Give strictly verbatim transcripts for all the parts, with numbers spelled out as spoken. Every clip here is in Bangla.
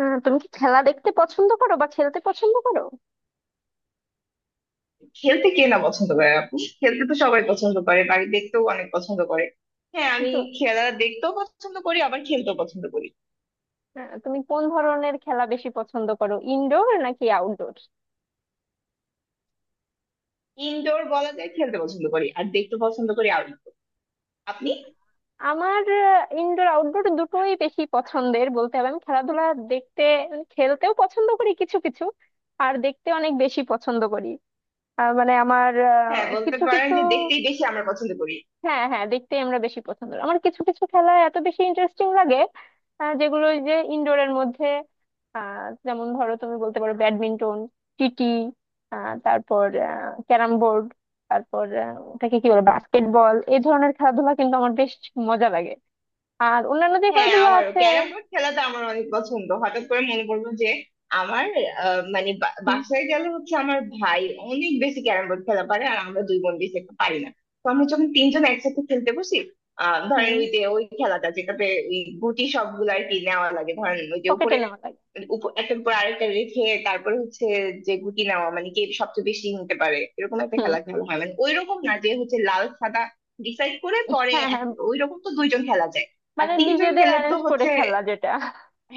আহ, তুমি কি খেলা দেখতে পছন্দ করো বা খেলতে পছন্দ করো? খেলতে কে না পছন্দ করে আপু? খেলতে তো সবাই পছন্দ করে, বাড়ি দেখতেও অনেক পছন্দ করে। হ্যাঁ, আমি তো, খেলা দেখতেও পছন্দ করি, আবার খেলতেও পছন্দ করি। আহ, তুমি কোন ধরনের খেলা বেশি পছন্দ করো, ইনডোর নাকি আউটডোর? ইনডোর বলা যায় খেলতে পছন্দ করি, আর দেখতে পছন্দ করি আউটডোর। আপনি? আমার ইনডোর আউটডোর দুটোই বেশি পছন্দের, বলতে হবে আমি খেলাধুলা দেখতে, মানে খেলতেও পছন্দ করি কিছু কিছু আর দেখতে অনেক বেশি পছন্দ করি। আহ, মানে আমার আহ, হ্যাঁ, বলতে কিছু পারেন কিছু। যে দেখতেই বেশি আমরা পছন্দ করি। হ্যাঁ হ্যাঁ, দেখতেই আমরা বেশি পছন্দ করি। আমার কিছু কিছু খেলা এত বেশি ইন্টারেস্টিং লাগে, আহ, যেগুলো ওই যে ইনডোরের মধ্যে, আহ, যেমন ধরো তুমি বলতে পারো ব্যাডমিন্টন, টিটি, আহ, তারপর ক্যারাম বোর্ড, তারপর আহ, ওটাকে কি বলে, বাস্কেটবল, এই ধরনের খেলাধুলা কিন্তু আমার বেশ মজা লাগে। আর অন্যান্য যে হ্যাঁ, খেলাধুলা আমারও আছে। ক্যারাম বোর্ড খেলাটা আমার অনেক পছন্দ। হঠাৎ করে মনে পড়লো যে আমার আহ, মানে বা- বাসায় গেলে হচ্ছে আমার ভাই অনেক বেশি ক্যারাম বোর্ড খেলা পারে, আর আমরা দুই বোন বেশি একটা পারি না। তো আমরা যখন তিনজন একসাথে খেলতে বসি, আহ ধরেন ওই যে ওই খেলাটা যেটাতে ওই গুটি সবগুলো আর কি নেওয়া লাগে, ধরেন ওই যে পকেটে উপরে নেওয়া লাগে। মানে উপ- একটার উপর আরেকটা রেখে তারপরে হচ্ছে যে গুটি নেওয়া, মানে কে সবচেয়ে বেশি নিতে পারে, এরকম একটা হুম। খেলা খেলা হয়। মানে ওইরকম না যে হচ্ছে লাল সাদা ডিসাইড করে পরে হ্যাঁ হ্যাঁ, এক- ওইরকম তো দুইজন খেলা যায়, আর মানে তিনজন নিজেদের খেলে তো অ্যারেঞ্জ করে হচ্ছে। খেলা যেটা।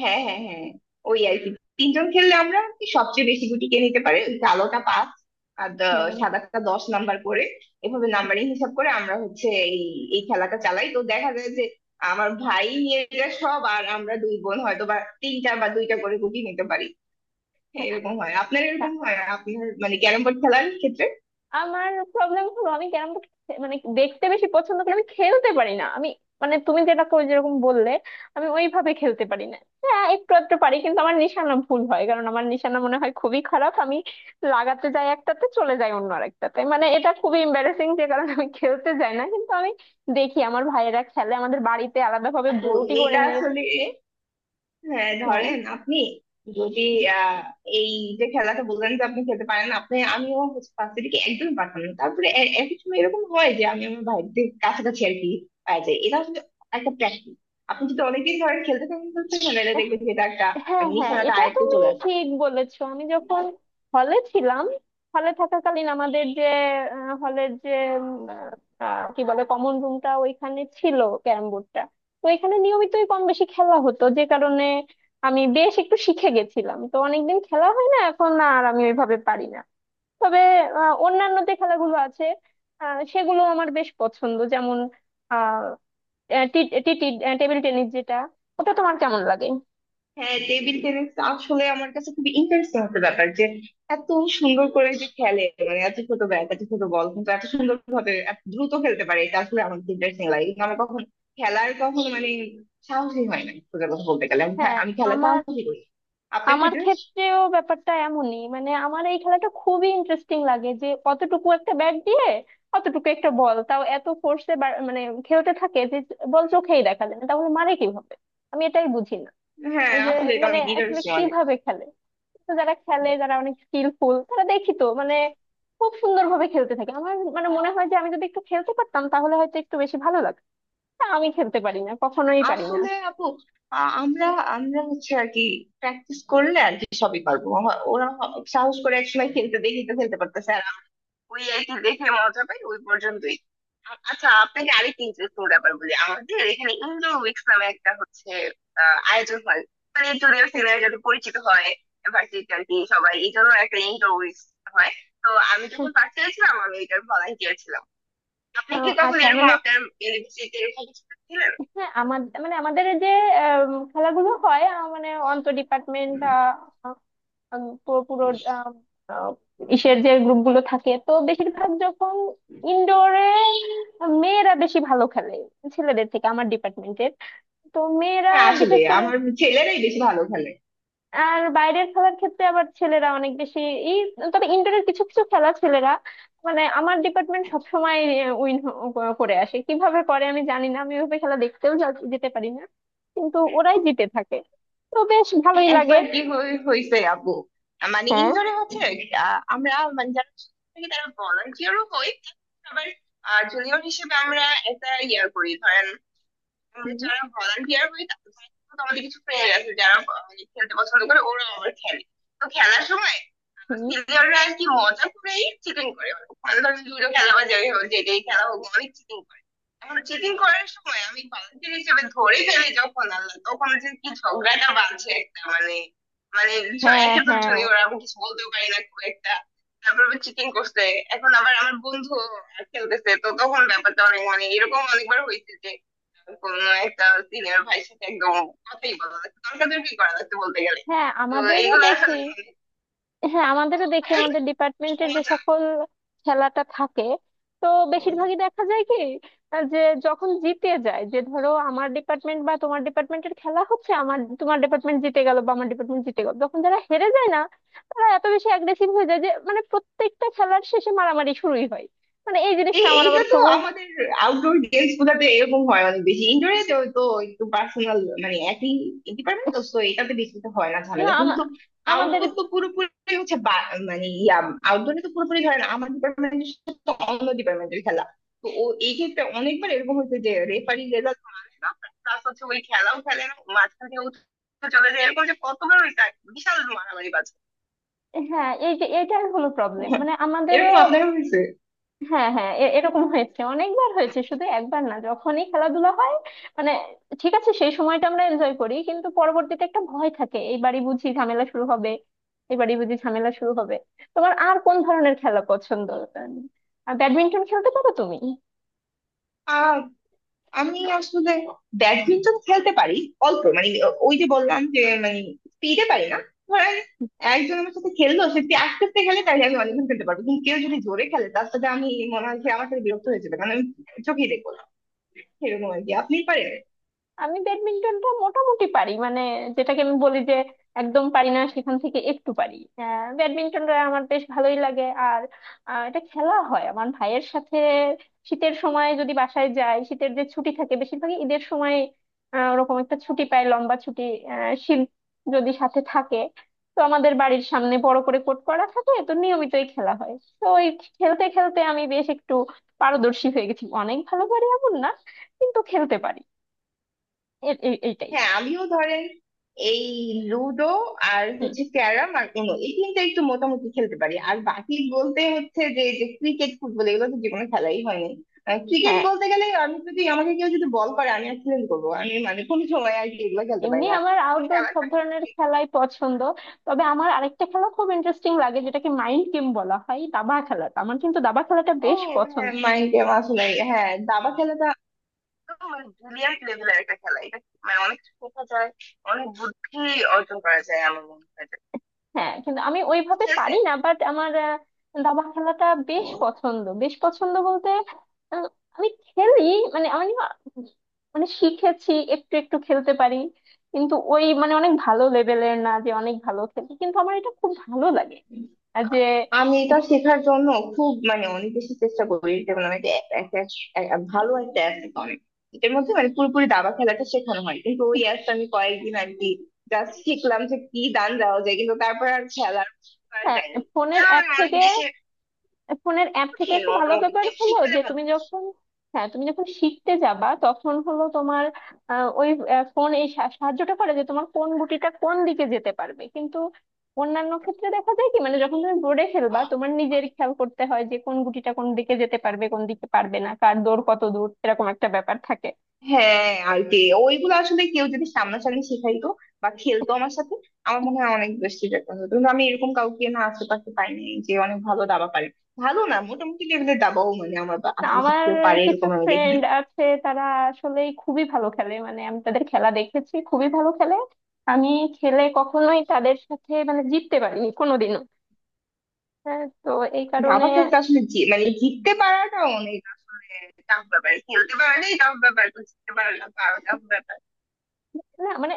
হ্যাঁ, হ্যাঁ, হ্যাঁ, ওই আর কি। তিনজন খেললে আমরা কি সবচেয়ে বেশি গুটি কে নিতে পারে, ওই কালোটা পাঁচ আর দ- হুম। সাদাটা দশ নাম্বার করে, এভাবে হুম। নাম্বারিং হিসাব করে আমরা হচ্ছে এই এই খেলাটা চালাই। তো দেখা যায় যে আমার ভাই নিয়ে যায় সব, আর আমরা দুই বোন হয়তো বা তিনটা বা দুইটা করে গুটি নিতে পারি। হ্যাঁ, এরকম হয় আপনার এরকম হয় আপনার মানে ক্যারম বোর্ড খেলার ক্ষেত্রে? আমার প্রবলেম হলো আমি ক্যারাম বোর্ড মানে দেখতে বেশি পছন্দ করি, আমি খেলতে পারি না। আমি মানে তুমি যেটা কই যেরকম বললে, আমি ওইভাবে খেলতে পারি না। হ্যাঁ একটু একটু পারি, কিন্তু আমার নিশানা ভুল হয়, কারণ আমার নিশানা মনে হয় খুবই খারাপ। আমি লাগাতে যাই একটাতে, চলে যাই অন্য আরেকটাতে। মানে এটা খুবই এম্বারেসিং, যে কারণে আমি খেলতে যাই না, কিন্তু আমি দেখি আমার ভাইয়েরা খেলে, আমাদের বাড়িতে আলাদাভাবে আপু, বোর্ডই করে এইটা আসলে, হ্যাঁ ধরেন নিয়েছে। আপনি যদি আহ, এই যে খেলাটা বললেন যে আপনি খেলতে পারেন না, আপনি, আমিও ফার্স্ট থেকে একদম পারতাম না। তারপরে এ- এক এক সময় এরকম হয় যে আমি আমার ভাইদের কাছাকাছি আর কি পাওয়া যায়। এটা আসলে একটা প্র্যাকটিস। আপনি যদি অনেকদিন ধরেন খেলতে থাকেন খেলতে থাকেন তাহলে দেখবেন যে এটা একটা, হ্যাঁ মানে হ্যাঁ, নিশানাটা এটা আয়ত্তে তুমি চলে আসে। ঠিক বলেছো। আমি যখন হলে ছিলাম, হলে থাকাকালীন আমাদের যে হলের যে উম, আহ, কি বলে কমন রুমটা, ওইখানে ছিল ক্যারাম বোর্ডটা। তো এখানে নিয়মিতই কম বেশি খেলা হতো, যে কারণে আমি বেশ একটু শিখে গেছিলাম। তো অনেকদিন খেলা হয় না এখন, আর আমি ওইভাবে পারি না। তবে আহ, অন্যান্য যে খেলাগুলো আছে, আহ, সেগুলো আমার বেশ পছন্দ, যেমন আহ টেবিল টেনিস, যেটা ওটা তোমার কেমন লাগে? হ্যাঁ, টেবিল টেনিস আসলে আমার কাছে খুবই ইন্টারেস্টিং একটা ব্যাপার, যে এত সুন্দর করে যে খেলে, মানে এত ছোট ব্যাট, এত ছোট বল, কিন্তু এত সুন্দর ভাবে এত দ্রুত খেলতে পারে, এটা আসলে আমার ইন্টারেস্টিং লাগে। কিন্তু আমার কখন খেলার কখনো মানে সাহসই হয় না, সোজা কথা বলতে গেলে, আমি খে- হ্যাঁ। আমি খেলা আমার, সাহসই করি। আপনার আমার ক্ষেত্রে? ক্ষেত্রেও ব্যাপারটা এমনই। মানে আমার এই খেলাটা খুবই ইন্টারেস্টিং লাগে যে অতটুকু একটা ব্যাট দিয়ে, অতটুকু একটা বল, তাও এত ফোর্সে মানে খেলতে থাকে যে বল চোখেই দেখা যায় না, তাহলে মারে কিভাবে, আমি এটাই বুঝি না। হ্যাঁ, যে আসলে এটা মানে অনেক আসলে ইন্টারেস্টিং, অনেক। কিভাবে খেলে। তো যারা খেলে, যারা অনেক স্কিলফুল, তারা দেখি তো মানে খুব সুন্দরভাবে খেলতে থাকে। আমার মানে মনে হয় যে আমি যদি একটু খেলতে পারতাম তাহলে হয়তো একটু বেশি ভালো লাগতো, তা আমি খেলতে পারি না, কখনোই পারি না। আসলে আপু, আ- আমরা আমরা হচ্ছে আর কি প্র্যাকটিস করলে আর কি সবই পারবো। আমার- ওরা হ- সাহস করে একসময় খেলতে দেখি, তো খেলতে পারতেছে, ওই আর কি, দেখে মজা পাই, ওই পর্যন্তই। আ- আচ্ছা, আপনাকে আরেকটা ইন্টারেস্টিং ব্যাপার বলি। আমাদের এখানে ইন্ডো উইকস নামে একটা হচ্ছে আহ, আয়োজন হয়, মানে জুনিয়র সিনিয়র যাতে পরিচিত হয় ভার্সিটি আর কি সবাই, এই জন্য একটা ইন্ডো উইকস হয়। তো আমি যখন পাশে ছিলাম আমি এটার ভলান্টিয়ার ছিলাম। আপনি আহ, কি কখন আচ্ছা, এরকম মানে আপনার ইউনিভার্সিটিতে এরকম কিছু ছিলেন? হ্যাঁ আমাদের মানে আমাদের যে আম, খেলাগুলো হয় আহ, মানে অন্তর ডিপার্টমেন্ট বা আহ, আম, পু- পুরো আম, আহ, ইসের যে গ্রুপগুলো থাকে, তো বেশিরভাগ যখন ইনডোরে মেয়েরা বেশি ভালো খেলে ছেলেদের থেকে, আমার ডিপার্টমেন্টের। তো মেয়েরা হ্যাঁ, আসলে বিশেষ করে। আমার ছেলেরাই বেশি ভালো খেলে। আর বাইরের খেলার ক্ষেত্রে আবার ছেলেরা অনেক বেশি এই, তবে ইনডোরের কিছু কিছু খেলা ছেলেরা, মানে আমার ডিপার্টমেন্ট সবসময় উইন করে আসে। কিভাবে করে আমি জানি না, আমি ওইভাবে খেলা দেখতেও যা- যেতে পারি না, কিন্তু ওরাই জিতে থাকে। তো বেশ ভালোই লাগে। একবার কি হয়ে- হয়েছে আপু, মানে হ্যাঁ। ইনডোরে হচ্ছে আহ, আমরা, মানে যারা ছোট থাকি তারা ভলান্টিয়ারও হই, আবার আহ জুনিয়র হিসেবে আমরা একটা ইয়ে করি, ধরেন আমাদের হুম। যারা volunteer হয় তাদের। তো আমাদের কিছু friend আছে যারা মানে খেলতে পছন্দ করে, ওরা আবার খেলে। তো খেলার সময় হুম। সিনিয়ররা আর কি মজা করেই চিটিং করে, মানে ধরো লুডো খেলা বা যাই হোক, যেটাই খেলা হোক অনেক চিটিং করে। এখন চিটিং করার সময় আমি volunteer হিসেবে ধরে ফেলি, যখন আল্লাহ তখন যে কি ঝগড়াটা বাজছে একটা মানে, মানে ভীষণ- হ্যাঁ, একে তো হ্যাঁ, জুনিয়র আমি কিছু বলতেও পারি না খুব একটা, তারপর চিটিং করছে, এখন আবার আমার বন্ধু খেলতেছে, তো তখন ব্যাপারটা অনেক মানে এরকম অনেকবার হয়েছে যে কোন একটা সিনিয়র ভাইয়ের সাথে একদম কথাই বলা লাগতো, তর্কাতর্কি করা লাগতো বলতে গেলে। হ্যাঁ, তো আমাদেরও এইগুলো দেখি। আসলে হ্যাঁ আমাদেরও দেখি, আমাদের ডিপার্টমেন্টের যে মজা। সকল খেলাটা থাকে, তো বেশিরভাগই দেখা যায় কি আহ, যে যখন জিতে যায়, যে ধরো আমার ডিপার্টমেন্ট বা তোমার ডিপার্টমেন্টের খেলা হচ্ছে, আমার তোমার ডিপার্টমেন্ট জিতে গেল বা আমার ডিপার্টমেন্ট জিতে গেল, যখন যারা হেরে যায় না, তারা এত বেশি অ্যাগ্রেসিভ হয়ে যায় যে মানে প্রত্যেকটা খেলার শেষে মারামারি শুরুই হয়। মানে এই জিনিসটা এই আমার এইটা আবার তো খুব। আমাদের আউটডোর গেমস গুলাতে এরকম হয় অনেক বেশি। ইনডোরে তো তো একটু পার্সোনাল, মানে একই ডিপার্টমেন্ট, তো তো এটাতে বেশি তো হয় না না ঝামেলা, কিন্তু আমা- আমাদের। আউটডোর তো পুরোপুরি হচ্ছে বা- মানে ইয়া আউটডোরে তো পুরোপুরি ধরেন আমার ডিপার্টমেন্টের সাথে অন্য ডিপার্টমেন্টের খেলা। তো ও এই ক্ষেত্রে অনেকবার এরকম হয়েছে যে রেফারি রেজাল্ট মানে না, প্লাস হচ্ছে ওই খেলাও খেলে না মাঝখানে চলে যায়, এরকম যে কতবার হইছে বিশাল মারামারি বাজে। হ্যাঁ এই যে এটাই হলো প্রবলেম, মানে আমাদেরও। এরকম আপনার হয়েছে? হ্যাঁ হ্যাঁ, এ- এরকম হয়েছে, অনেকবার হয়েছে, শুধু একবার না, যখনই খেলাধুলা হয় মানে, ঠিক আছে সেই সময়টা আমরা এনজয় করি, কিন্তু পরবর্তীতে একটা ভয় থাকে এইবারই বুঝি ঝামেলা শুরু হবে, এবারই বুঝি ঝামেলা শুরু হবে। তোমার আর কোন ধরনের খেলা পছন্দ? আহ, ব্যাডমিন্টন খেলতে পারো তুমি? আহ আমি আসলে ব্যাডমিন্টন খেলতে পারি অল্প, মানে ওই যে বললাম যে মানে স্পিডে পারি না। ধরেন একজন আমার সাথে খেললো, সে যদি আস্তে আস্তে খেলে তাহলে আমি অনেকক্ষণ খেলতে পারবো, কিন্তু কেউ যদি জোরে খেলে তার সাথে আমি, মনে হয় সে আমার সাথে বিরক্ত হয়ে যাবে, কারণ আমি চোখেই দেখবো না, এরকম আর কি। আপনি পারেন? আমি ব্যাডমিন্টনটা মোটামুটি পারি, মানে যেটাকে আমি বলি যে একদম পারি না সেখান থেকে একটু পারি। আহ, ব্যাডমিন্টনটা আমার বেশ ভালোই লাগে। আর আহ, এটা খেলা হয় আমার ভাইয়ের সাথে, শীতের সময় যদি বাসায় যাই, শীতের যে ছুটি থাকে, বেশিরভাগই ঈদের সময় আহ, ওরকম একটা ছুটি পাই, লম্বা ছুটি, আহ, শীত যদি সাথে থাকে, তো আমাদের বাড়ির সামনে বড় করে কোর্ট করা থাকে, তো নিয়মিতই খেলা হয়। তো ওই খেলতে খেলতে আমি বেশ একটু পারদর্শী হয়ে গেছি, অনেক ভালো পারি এমন না, কিন্তু খেলতে পারি। এ- এ- এইটাই। হ্যাঁ, আমিও ধরেন এই লুডো আর হুম। হচ্ছে ক্যারাম আর উনো, এই তিনটা একটু মোটামুটি খেলতে পারি। আর বাকি বলতে হচ্ছে যে যে ক্রিকেট ফুটবল এগুলো তো জীবনে খেলাই হয়নি। ক্রিকেট হ্যাঁ, বলতে গেলে আমি যদি, আমাকে কেউ যদি বল করে আমি অ্যাক্সিডেন্ট করবো, আমি মানে কোনো সময় আর কি এগুলো খেলতে পারি এমনি না। আমার আমি আউটডোর আবার, সব ধরনের খেলাই পছন্দ। তবে আমার আরেকটা খেলা খুব ইন্টারেস্টিং লাগে, যেটাকে মাইন্ড গেম বলা হয়, দাবা খেলাটা আমার, কিন্তু দাবা খেলাটা ও বেশ পছন্দ। হ্যাঁ, মাইন্ড গেম আসলে, হ্যাঁ দাবা খেলাটা একদম মানে ব্রিলিয়ান্ট লেভেলের একটা খেলা এটা, মানে অনেক শেখা যায়, অনেক বুদ্ধি অর্জন করা যায় আমার মনে হয়। হ্যাঁ কিন্তু আমি ওইভাবে খেলছে। পারি না, বাট আমার আহ, দাবা খেলাটা বেশ পছন্দ। বেশ পছন্দ বলতে আহ, আমি খেলি মানে, আমি না মানে শিখেছি, একটু একটু খেলতে পারি, কিন্তু ওই মানে অনেক ভালো লেভেলের না যে অনেক ভালো খেলি, কিন্তু আমার এটা খুব ভালো লাগে। আর যে আমি এটা শেখার জন্য খুব মানে অনেক বেশি চেষ্টা করি, যেমন আমি একটা একটা- একটা শ- এ- এ- ভালো একটা অ্যাপ আছে অনেক, এটার মধ্যে মানে পুরোপুরি দাবা খেলাটা শেখানো হয়। কিন্তু ওই অ্যাপটা আমি কয়েকদিন আর কি জাস্ট শিখলাম যে কি দান দেওয়া যায়, কিন্তু তারপর আর খেলার করা হ্যাঁ যায়নি। ফোনের এটা অ্যাপ আমি অনেক থেকে, বেশি ফোনের অ্যাপ থেকে কঠিন, একটা ভালো মোটামুটি ব্যাপার কেউ হলো শিখালে যে ভালো। তুমি যখন, হ্যাঁ তুমি যখন শিখতে যাবা, তখন হলো তোমার আহ, ওই ফোন এই সা- সাহায্যটা করে যে তোমার কোন গুটিটা কোন দিকে যেতে পারবে। কিন্তু অন্যান্য ক্ষেত্রে দেখা যায় কি, মানে যখন তুমি বোর্ডে খেলবা, তোমার নিজের খেয়াল করতে হয় যে কোন গুটিটা কোন দিকে যেতে পারবে, কোন দিকে পারবে না, কার দৌড় কত দূর, এরকম একটা ব্যাপার থাকে। হ্যাঁ আর কি, ওইগুলো আসলে কেউ যদি সামনাসামনি শেখাইতো বা খেলতো আমার সাথে, আমার মনে হয় অনেক বেশি বেটার হতো। কিন্তু আমি এরকম কাউকে না আশেপাশে পাইনি যে অনেক ভালো দাবা পারে। ভালো না, মোটামুটি লেভেলের দাবাও মানে আমার বা- না, আশেপাশে আমার কেউ পারে কিছু এরকম আমি দেখিনি। ফ্রেন্ড আছে, তারা আসলে খুবই ভালো খেলে, মানে আমি তাদের খেলা দেখেছি, খুবই ভালো খেলে। আমি খেলে কখনোই তাদের সাথে মানে জিততে পারিনি কোনোদিনও। হ্যাঁ, তো এই কারণে। দাবা খেলতে আসলে জি- মানে জিততে পারাটা অনেক আসলে tough ব্যাপার, খেলতে পারলেই tough ব্যাপার, তো জিততে পারলে তাও tough ব্যাপার। না মানে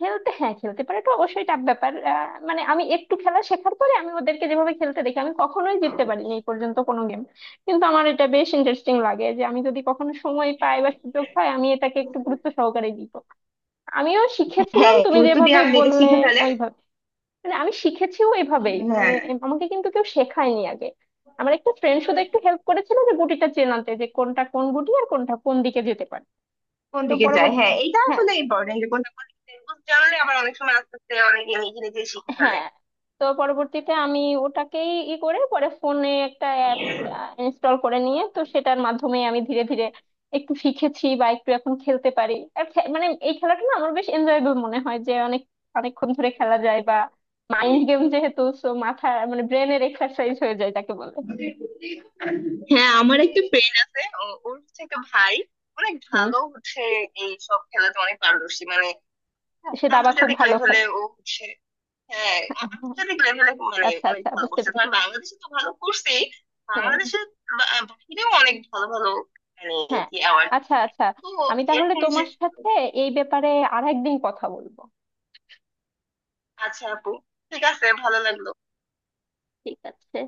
খেলতে, হ্যাঁ খেলতে পারে তো অবশ্যই টাফ ব্যাপার। আহ, মানে আমি একটু খেলা শেখার পরে আমি ওদেরকে যেভাবে খেলতে দেখি, আমি কখনোই জিততে পারিনি এই পর্যন্ত কোনো গেম। কিন্তু আমার এটা বেশ ইন্টারেস্টিং লাগে, যে আমি যদি কখনো সময় পাই বা সুযোগ পাই, আমি এটাকে একটু গুরুত্ব সহকারে দিব। আমিও শিখেছিলাম হ্যাঁ, তুমি গুরুত্ব দিয়ে যেভাবে আপনি এটা বললে শিখে ফেলেন। ওইভাবে, মানে আমি শিখেছিও এভাবেই, মানে হ্যাঁ, এম- আমাকে কিন্তু কেউ শেখায়নি আগে। আমার একটা ফ্রেন্ড শুধু একটু হেল্প করেছিল যে গুটিটা চেনাতে, যে কোনটা কোন গুটি আর কোনটা কোন দিকে যেতে পারে। কোন তো দিকে যায়, পরবর্তী, হ্যাঁ এটা হ্যাঁ, আসলে ইম্পর্টেন্ট যে কোনটা কোন দিকে যায়। এগুলো জানলে আবার অনেক সময় আস্তে আস্তে অনেক নিজে নিজে শিখে ফেলে। হ্যাঁ, তো পরবর্তীতে আমি ওটাকেই ই করে পরে ফোনে একটা অ্যাপ ইনস্টল করে নিয়ে, তো সেটার মাধ্যমে আমি ধীরে ধীরে একটু শিখেছি, বা একটু এখন খেলতে পারি। আর খে- মানে এই খেলাটা না আমার বেশ এনজয়েবল মনে হয়, যে অনেক অনেকক্ষণ ধরে খেলা যায়, বা মাইন্ড গেম যেহেতু সো মাথা মানে ব্রেনের এক্সারসাইজ হয়ে যায়, যাকে বলে। হ্যাঁ, আমার একটা ফ্রেন্ড আছে, ও- ওর হচ্ছে একটা ভাই অনেক ভালো, হচ্ছে এই সব খেলাতে অনেক পারদর্শী, মানে সে দাবা খুব আন্তর্জাতিক ভালো লেভেলে খেলে। ও হচ্ছে। হ্যাঁ, আ- আন্তর্জাতিক লেভেলে মানে আচ্ছা অনেক আচ্ছা, ভালো বুঝতে করছে, পেরেছি। ধরেন বাংলাদেশে তো ভালো করছেই, হ্যাঁ। বাংলাদেশের বা- বাহিরেও অনেক ভালো ভালো, মানে হ্যাঁ, কি অ্যাওয়ার্ড, আচ্ছা আচ্ছা। তো আমি তাহলে এরকম যে। তোমার সাথে এই ব্যাপারে আরেকদিন কথা বলবো। আচ্ছা আপু, ঠিক আছে, ভালো লাগলো। ঠিক আছে।